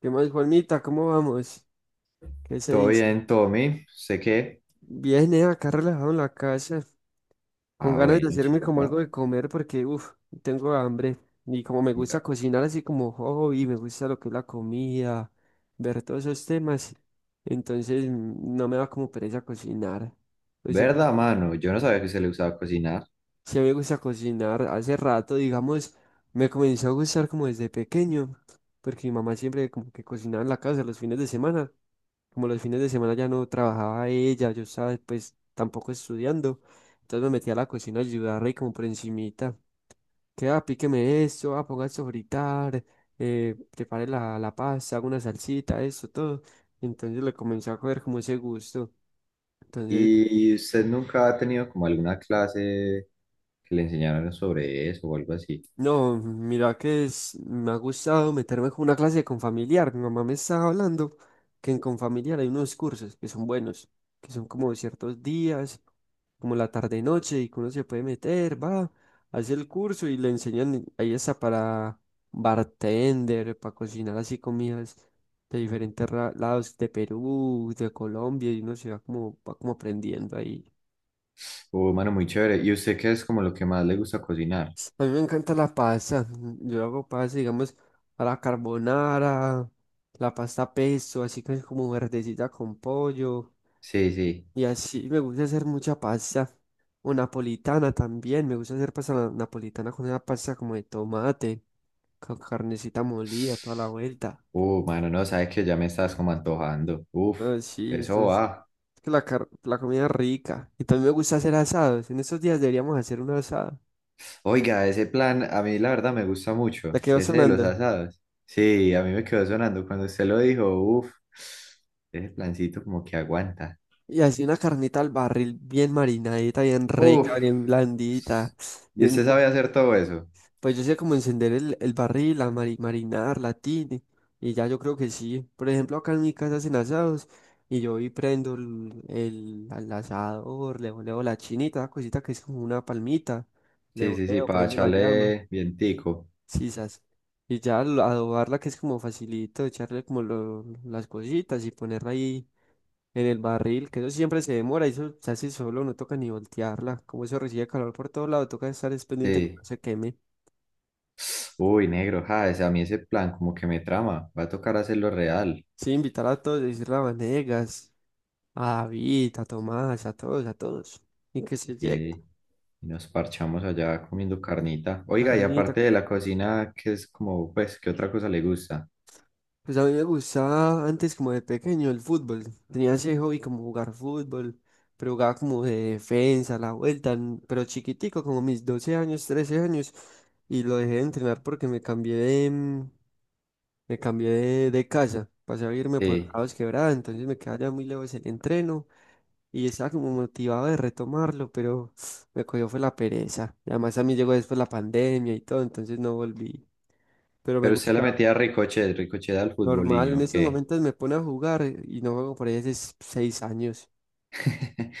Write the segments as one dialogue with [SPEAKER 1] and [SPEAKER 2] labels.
[SPEAKER 1] ¿Qué más, Juanita? ¿Cómo vamos? ¿Qué se
[SPEAKER 2] Todo
[SPEAKER 1] dice?
[SPEAKER 2] bien, Tommy. Sé que.
[SPEAKER 1] Viene acá relajado en la casa, con
[SPEAKER 2] Ah,
[SPEAKER 1] ganas de
[SPEAKER 2] bueno,
[SPEAKER 1] hacerme como algo
[SPEAKER 2] chimba.
[SPEAKER 1] de comer porque, uff, tengo hambre. Y como me gusta cocinar así como hobby, me gusta lo que es la comida, ver todos esos temas, entonces no me da como pereza cocinar.
[SPEAKER 2] ¿Verdad, mano? Yo no sabía que se le usaba cocinar.
[SPEAKER 1] Sí, me gusta cocinar hace rato, digamos, me comenzó a gustar como desde pequeño, porque mi mamá siempre como que cocinaba en la casa los fines de semana. Como los fines de semana ya no trabajaba ella, yo estaba pues tampoco estudiando, entonces me metí a la cocina a ayudarla y como por encimita, que ah, píqueme esto, ah, ponga esto a fritar, prepare la pasta, haga una salsita, esto, todo. Entonces le comencé a coger como ese gusto. Entonces,
[SPEAKER 2] ¿Y usted nunca ha tenido como alguna clase que le enseñaron sobre eso o algo así?
[SPEAKER 1] no, mira que me ha gustado meterme con una clase de Confamiliar. Mi mamá me estaba hablando que en Confamiliar hay unos cursos que son buenos, que son como ciertos días, como la tarde-noche, y que uno se puede meter, va, hace el curso y le enseñan, ahí está para bartender, para cocinar así comidas de diferentes lados de Perú, de Colombia, y uno se va como aprendiendo ahí.
[SPEAKER 2] Mano, muy chévere. ¿Y usted qué es como lo que más le gusta cocinar?
[SPEAKER 1] A mí me encanta la pasta. Yo hago pasta, digamos, a la carbonara, la pasta pesto, así que es como verdecita con pollo.
[SPEAKER 2] Sí, sí.
[SPEAKER 1] Y así me gusta hacer mucha pasta. O napolitana también. Me gusta hacer pasta napolitana con una pasta como de tomate, con carnecita molida, toda la vuelta.
[SPEAKER 2] Mano, no, sabes que ya me estás como antojando. Uf,
[SPEAKER 1] Ah, sí, esto
[SPEAKER 2] eso va.
[SPEAKER 1] es que la comida es rica. Y también me gusta hacer asados. En estos días deberíamos hacer un asado.
[SPEAKER 2] Oiga, ese plan a mí la verdad me gusta
[SPEAKER 1] Me
[SPEAKER 2] mucho,
[SPEAKER 1] quedó
[SPEAKER 2] ese de los
[SPEAKER 1] sonando.
[SPEAKER 2] asados. Sí, a mí me quedó sonando cuando usted lo dijo, uff, ese plancito como que aguanta.
[SPEAKER 1] Y así una carnita al barril bien marinadita, bien rica,
[SPEAKER 2] Uff,
[SPEAKER 1] bien blandita.
[SPEAKER 2] y
[SPEAKER 1] bien-
[SPEAKER 2] usted
[SPEAKER 1] uf,
[SPEAKER 2] sabe hacer todo eso.
[SPEAKER 1] pues yo sé cómo encender el barril, la marinar, la tine. Y ya yo creo que sí. Por ejemplo, acá en mi casa hacen asados. Y yo prendo el, al asador, le voleo la chinita, la cosita que es como una palmita. Le
[SPEAKER 2] Sí, sí, sí,
[SPEAKER 1] voleo,
[SPEAKER 2] para
[SPEAKER 1] prendo la llama.
[SPEAKER 2] echarle vientico.
[SPEAKER 1] Sisas. Y ya al adobarla que es como facilito, echarle como las cositas y ponerla ahí en el barril, que eso siempre se demora, y eso se hace solo, no toca ni voltearla. Como eso recibe calor por todo lado, toca estar es pendiente que
[SPEAKER 2] Sí.
[SPEAKER 1] no se queme.
[SPEAKER 2] Uy, negro, ja, a mí ese plan como que me trama, va a tocar hacerlo real.
[SPEAKER 1] Sí, invitar a todos, decirle a Vanegas, a David, a Tomás, a todos, a todos. Y que se llegue.
[SPEAKER 2] Sí. Y nos parchamos allá comiendo carnita. Oiga, y
[SPEAKER 1] Carnita.
[SPEAKER 2] aparte de la cocina, ¿qué es como, pues, qué otra cosa le gusta?
[SPEAKER 1] Pues a mí me gustaba antes como de pequeño el fútbol. Tenía ese hobby como jugar fútbol, pero jugaba como de defensa, la vuelta, n- pero chiquitico, como mis 12 años, 13 años. Y lo dejé de entrenar porque me cambié de, me cambié de casa, pasé a irme por acá
[SPEAKER 2] Sí.
[SPEAKER 1] a Dos Quebradas, entonces me quedaba ya muy lejos el entreno y estaba como motivado de retomarlo, pero me cogió fue la pereza. Y además a mí llegó después la pandemia y todo, entonces no volví. Pero me
[SPEAKER 2] Pero usted
[SPEAKER 1] gusta,
[SPEAKER 2] le metía ricochet, ricochet al
[SPEAKER 1] normal, en
[SPEAKER 2] futboliño,
[SPEAKER 1] estos
[SPEAKER 2] ¿qué?
[SPEAKER 1] momentos me pone a jugar y no juego por ahí hace 6 años.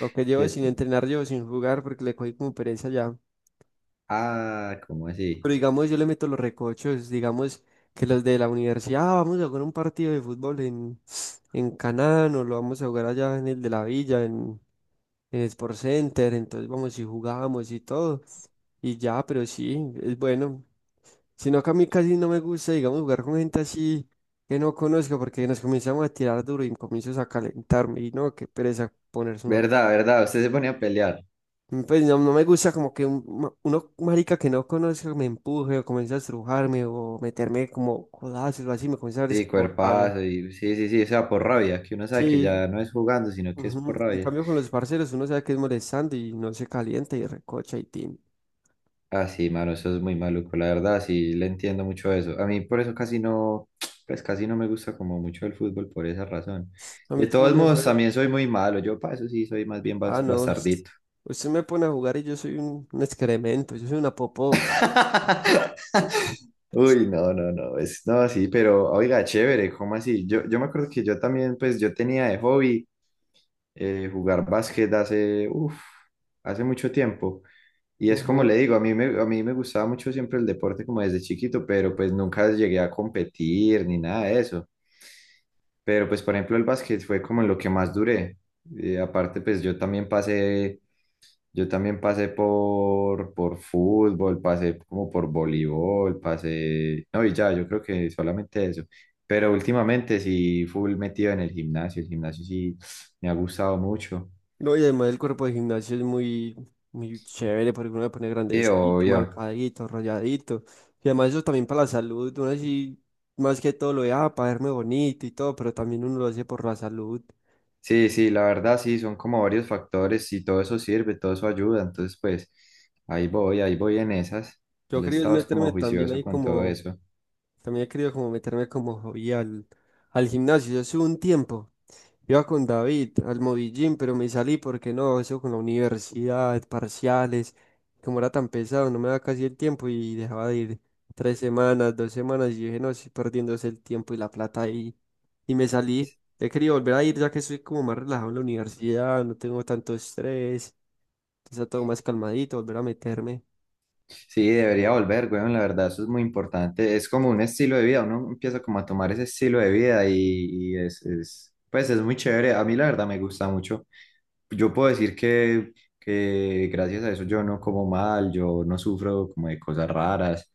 [SPEAKER 1] Lo que llevo
[SPEAKER 2] De-
[SPEAKER 1] sin entrenar, llevo sin jugar porque le cogí como pereza ya.
[SPEAKER 2] Ah, ¿cómo así?
[SPEAKER 1] Pero digamos, yo le meto los recochos, digamos que los de la universidad, "Ah, vamos a jugar un partido de fútbol en Canán, o lo vamos a jugar allá en el de la villa, en Sport Center", entonces vamos y jugamos y todo. Y ya, pero sí, es bueno. Sino que a mí casi no me gusta, digamos, jugar con gente así que no conozco porque nos comenzamos a tirar duro y comienzo a calentarme y no, qué pereza ponerse uno.
[SPEAKER 2] Verdad, verdad, usted se ponía a pelear.
[SPEAKER 1] Pues no, no me gusta como que uno marica que no conozca me empuje o comience a estrujarme o meterme como codazos o así, me comienza a dar es
[SPEAKER 2] Sí,
[SPEAKER 1] como rabia.
[SPEAKER 2] cuerpazo, y sí, sí, sí, o sea, por rabia, que uno sabe que
[SPEAKER 1] Sí,
[SPEAKER 2] ya no es jugando, sino que es por
[SPEAKER 1] ujú. En
[SPEAKER 2] rabia.
[SPEAKER 1] cambio con los parceros uno sabe que es molestando y no se calienta y recocha y tin.
[SPEAKER 2] Ah, sí, mano, eso es muy maluco, la verdad, sí, le entiendo mucho eso. A mí por eso casi no, pues casi no me gusta como mucho el fútbol por esa razón.
[SPEAKER 1] A mí
[SPEAKER 2] De
[SPEAKER 1] también
[SPEAKER 2] todos
[SPEAKER 1] me
[SPEAKER 2] modos,
[SPEAKER 1] jode.
[SPEAKER 2] también soy muy malo, yo para eso sí soy más bien
[SPEAKER 1] Ah, no,
[SPEAKER 2] bastardito.
[SPEAKER 1] usted me pone a jugar y yo soy un excremento, yo soy una popó.
[SPEAKER 2] Uy, no, no, no, es, no, sí, pero oiga, chévere, ¿cómo así? Yo me acuerdo que yo también, pues yo tenía de hobby jugar básquet hace, uf, hace mucho tiempo. Y es como
[SPEAKER 1] Ujú.
[SPEAKER 2] le digo, a mí me gustaba mucho siempre el deporte como desde chiquito, pero pues nunca llegué a competir ni nada de eso. Pero pues por ejemplo el básquet fue como en lo que más duré. Aparte pues yo también pasé por fútbol, pasé como por voleibol, pasé. No, y ya, yo creo que solamente eso. Pero últimamente sí, full metido en el gimnasio. El gimnasio sí me ha gustado mucho.
[SPEAKER 1] No, y además el cuerpo de gimnasio es muy, muy chévere porque uno le pone
[SPEAKER 2] Y
[SPEAKER 1] grandecito,
[SPEAKER 2] obvio.
[SPEAKER 1] marcadito, rayadito. Y además eso también para la salud, uno así, más que todo lo de, ah, para verme bonito y todo, pero también uno lo hace por la salud.
[SPEAKER 2] Sí, sí, la verdad sí, son como varios factores y todo eso sirve, todo eso ayuda. Entonces, pues, ahí voy en esas.
[SPEAKER 1] Yo
[SPEAKER 2] El
[SPEAKER 1] quería es
[SPEAKER 2] estado es como
[SPEAKER 1] meterme también
[SPEAKER 2] juicioso
[SPEAKER 1] ahí
[SPEAKER 2] con todo
[SPEAKER 1] como,
[SPEAKER 2] eso.
[SPEAKER 1] también he querido como meterme como hobby al gimnasio. Yo hace un tiempo iba con David al Movillín, pero me salí porque no, eso con la universidad, parciales, como era tan pesado, no me daba casi el tiempo y dejaba de ir 3 semanas, 2 semanas y dije, no, estoy perdiéndose el tiempo y la plata ahí. Y me salí. He querido volver a ir ya que estoy como más relajado en la universidad, no tengo tanto estrés, está todo más calmadito, volver a meterme.
[SPEAKER 2] Sí, debería volver, weón, la verdad, eso es muy importante. Es como un estilo de vida, uno empieza como a tomar ese estilo de vida y es, pues es muy chévere. A mí la verdad me gusta mucho. Yo puedo decir que gracias a eso yo no como mal, yo no sufro como de cosas raras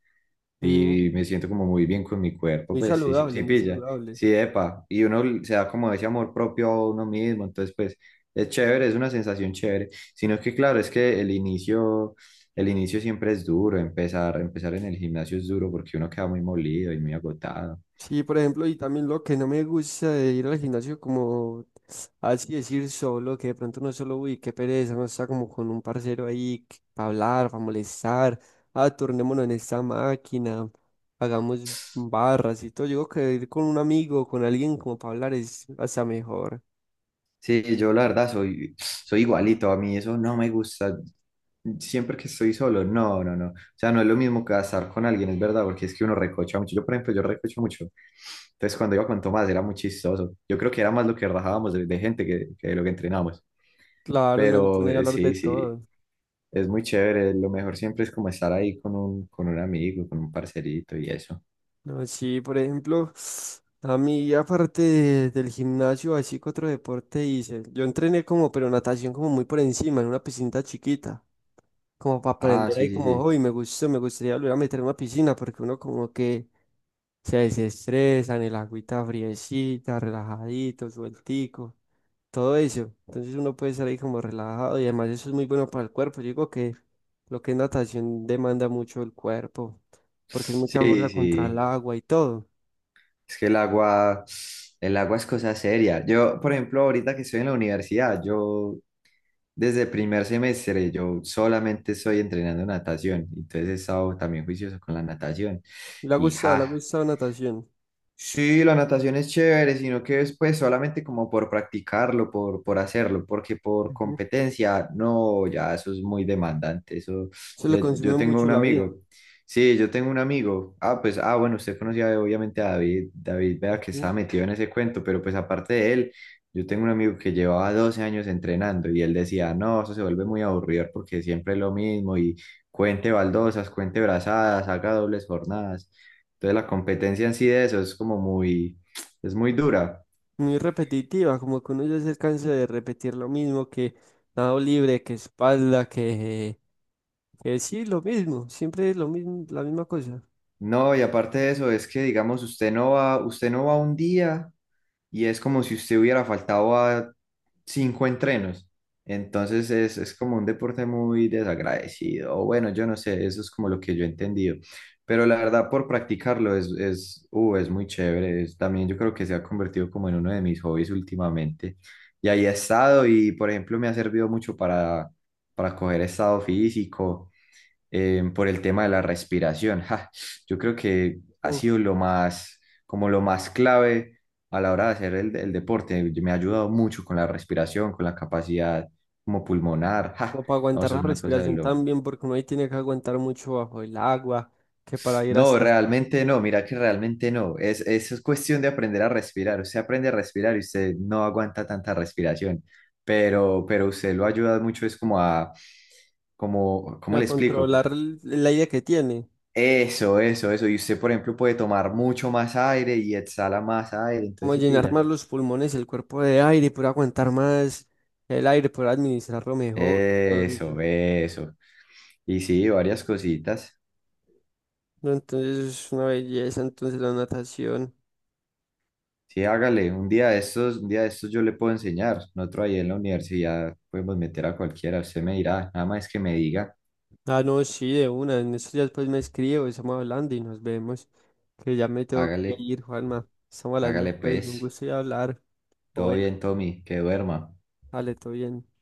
[SPEAKER 1] Ujú.
[SPEAKER 2] y me siento como muy bien con mi cuerpo,
[SPEAKER 1] Muy
[SPEAKER 2] pues sí, sí,
[SPEAKER 1] saludable,
[SPEAKER 2] sí
[SPEAKER 1] muy
[SPEAKER 2] pilla,
[SPEAKER 1] saludable.
[SPEAKER 2] sí, epa. Y uno se da como ese amor propio a uno mismo, entonces pues es chévere, es una sensación chévere. Sino que claro, es que el inicio. El inicio siempre es duro, empezar en el gimnasio es duro porque uno queda muy molido y muy agotado.
[SPEAKER 1] Sí, por ejemplo, y también lo que no me gusta de ir al gimnasio como, así decir solo, que de pronto no es solo, uy, qué pereza, no está como con un parcero ahí para hablar, para molestar, ah, turnémonos en esta máquina, hagamos barras y todo. Yo digo que ir con un amigo, con alguien como para hablar es hasta mejor.
[SPEAKER 2] Sí, yo la verdad soy igualito, a mí eso no me gusta. Siempre que estoy solo, no, no, no. O sea, no es lo mismo que estar con alguien, es verdad, porque es que uno recocha mucho. Yo, por ejemplo, yo recocho mucho. Entonces, cuando iba con Tomás era muy chistoso. Yo creo que era más lo que rajábamos de gente que lo que entrenábamos.
[SPEAKER 1] Claro, no le
[SPEAKER 2] Pero
[SPEAKER 1] pone a hablar de
[SPEAKER 2] sí, sí,
[SPEAKER 1] todo.
[SPEAKER 2] es muy chévere. Lo mejor siempre es como estar ahí con un amigo, con un parcerito y eso.
[SPEAKER 1] No, sí, por ejemplo, a mí aparte del gimnasio, así que otro deporte hice. Yo entrené como, pero natación como muy por encima, en una piscina chiquita, como para
[SPEAKER 2] Ah,
[SPEAKER 1] aprender
[SPEAKER 2] sí,
[SPEAKER 1] ahí
[SPEAKER 2] sí,
[SPEAKER 1] como,
[SPEAKER 2] sí.
[SPEAKER 1] hoy me gustó, me gustaría volver a meter en una piscina porque uno como que se desestresa en el agüita friecita, relajadito, sueltico, todo eso. Entonces uno puede estar ahí como relajado y además eso es muy bueno para el cuerpo. Yo digo que lo que es natación demanda mucho el cuerpo porque es mucha
[SPEAKER 2] Sí,
[SPEAKER 1] fuerza contra el
[SPEAKER 2] sí,
[SPEAKER 1] agua y todo.
[SPEAKER 2] es que el agua es cosa seria. Yo, por ejemplo, ahorita que estoy en la universidad, yo desde primer semestre, yo solamente estoy entrenando natación, entonces he estado también juicioso con la natación. Y
[SPEAKER 1] Le ha
[SPEAKER 2] ja,
[SPEAKER 1] gustado natación.
[SPEAKER 2] sí, la natación es chévere, sino que es pues solamente como por practicarlo, por hacerlo, porque por
[SPEAKER 1] Ujú.
[SPEAKER 2] competencia, no, ya eso es muy demandante. Eso,
[SPEAKER 1] Se le
[SPEAKER 2] yo
[SPEAKER 1] consume
[SPEAKER 2] tengo
[SPEAKER 1] mucho
[SPEAKER 2] un
[SPEAKER 1] la vida.
[SPEAKER 2] amigo. Sí, yo tengo un amigo. Ah, pues, ah, bueno, usted conocía obviamente a David. David, vea que
[SPEAKER 1] Ujú.
[SPEAKER 2] estaba metido en ese cuento, pero pues aparte de él, yo tengo un amigo que llevaba 12 años entrenando y él decía, no, eso se vuelve muy aburrido porque siempre es lo mismo y cuente baldosas, cuente brazadas, haga dobles jornadas. Entonces la competencia en sí de eso es como muy, es muy dura.
[SPEAKER 1] Muy repetitiva, como que uno ya se cansa de repetir lo mismo, que nado libre, que espalda, que sí, lo mismo, siempre es lo mismo, la misma cosa.
[SPEAKER 2] No, y aparte de eso es que, digamos, usted no va un día y es como si usted hubiera faltado a cinco entrenos. Entonces es como un deporte muy desagradecido. O bueno, yo no sé, eso es como lo que yo he entendido. Pero la verdad, por practicarlo es muy chévere. También yo creo que se ha convertido como en uno de mis hobbies últimamente. Y ahí he estado y, por ejemplo, me ha servido mucho para coger estado físico por el tema de la respiración. Ja, yo creo que ha
[SPEAKER 1] O,
[SPEAKER 2] sido lo más, como lo más clave a la hora de hacer el deporte. Me ha ayudado mucho con la respiración, con la capacidad como pulmonar. Ja,
[SPEAKER 1] o para
[SPEAKER 2] no,
[SPEAKER 1] aguantar
[SPEAKER 2] eso
[SPEAKER 1] la
[SPEAKER 2] es una cosa de
[SPEAKER 1] respiración
[SPEAKER 2] loco.
[SPEAKER 1] también, porque uno ahí tiene que aguantar mucho bajo el agua, que para ir
[SPEAKER 2] No,
[SPEAKER 1] hasta
[SPEAKER 2] realmente no, mira que realmente no. Eso es cuestión de aprender a respirar. Usted aprende a respirar y usted no aguanta tanta respiración, pero usted lo ayuda mucho, es como a, como, ¿cómo
[SPEAKER 1] a
[SPEAKER 2] le explico?
[SPEAKER 1] controlar el aire que tiene,
[SPEAKER 2] Eso, eso, eso. Y usted, por ejemplo, puede tomar mucho más aire y exhala más aire,
[SPEAKER 1] como
[SPEAKER 2] entonces sí
[SPEAKER 1] llenar
[SPEAKER 2] pilla.
[SPEAKER 1] más los pulmones, el cuerpo de aire, y poder aguantar más el aire, poder administrarlo mejor, todo eso.
[SPEAKER 2] Eso, eso. Y sí, varias cositas.
[SPEAKER 1] No, entonces es una belleza, entonces la natación.
[SPEAKER 2] Sí, hágale, un día de estos, un día de estos yo le puedo enseñar. Nosotros ahí en la universidad podemos meter a cualquiera, usted me dirá, nada más que me diga,
[SPEAKER 1] Ah, no, sí, de una. En estos días pues me escribo, estamos hablando y nos vemos. Que ya me tengo que
[SPEAKER 2] hágale,
[SPEAKER 1] ir, Juanma. Estamos hablando
[SPEAKER 2] hágale
[SPEAKER 1] pues, un
[SPEAKER 2] pues.
[SPEAKER 1] gusto y hablar. O
[SPEAKER 2] Todo
[SPEAKER 1] bueno,
[SPEAKER 2] bien, Tommy, que duerma.
[SPEAKER 1] vale, todo bien.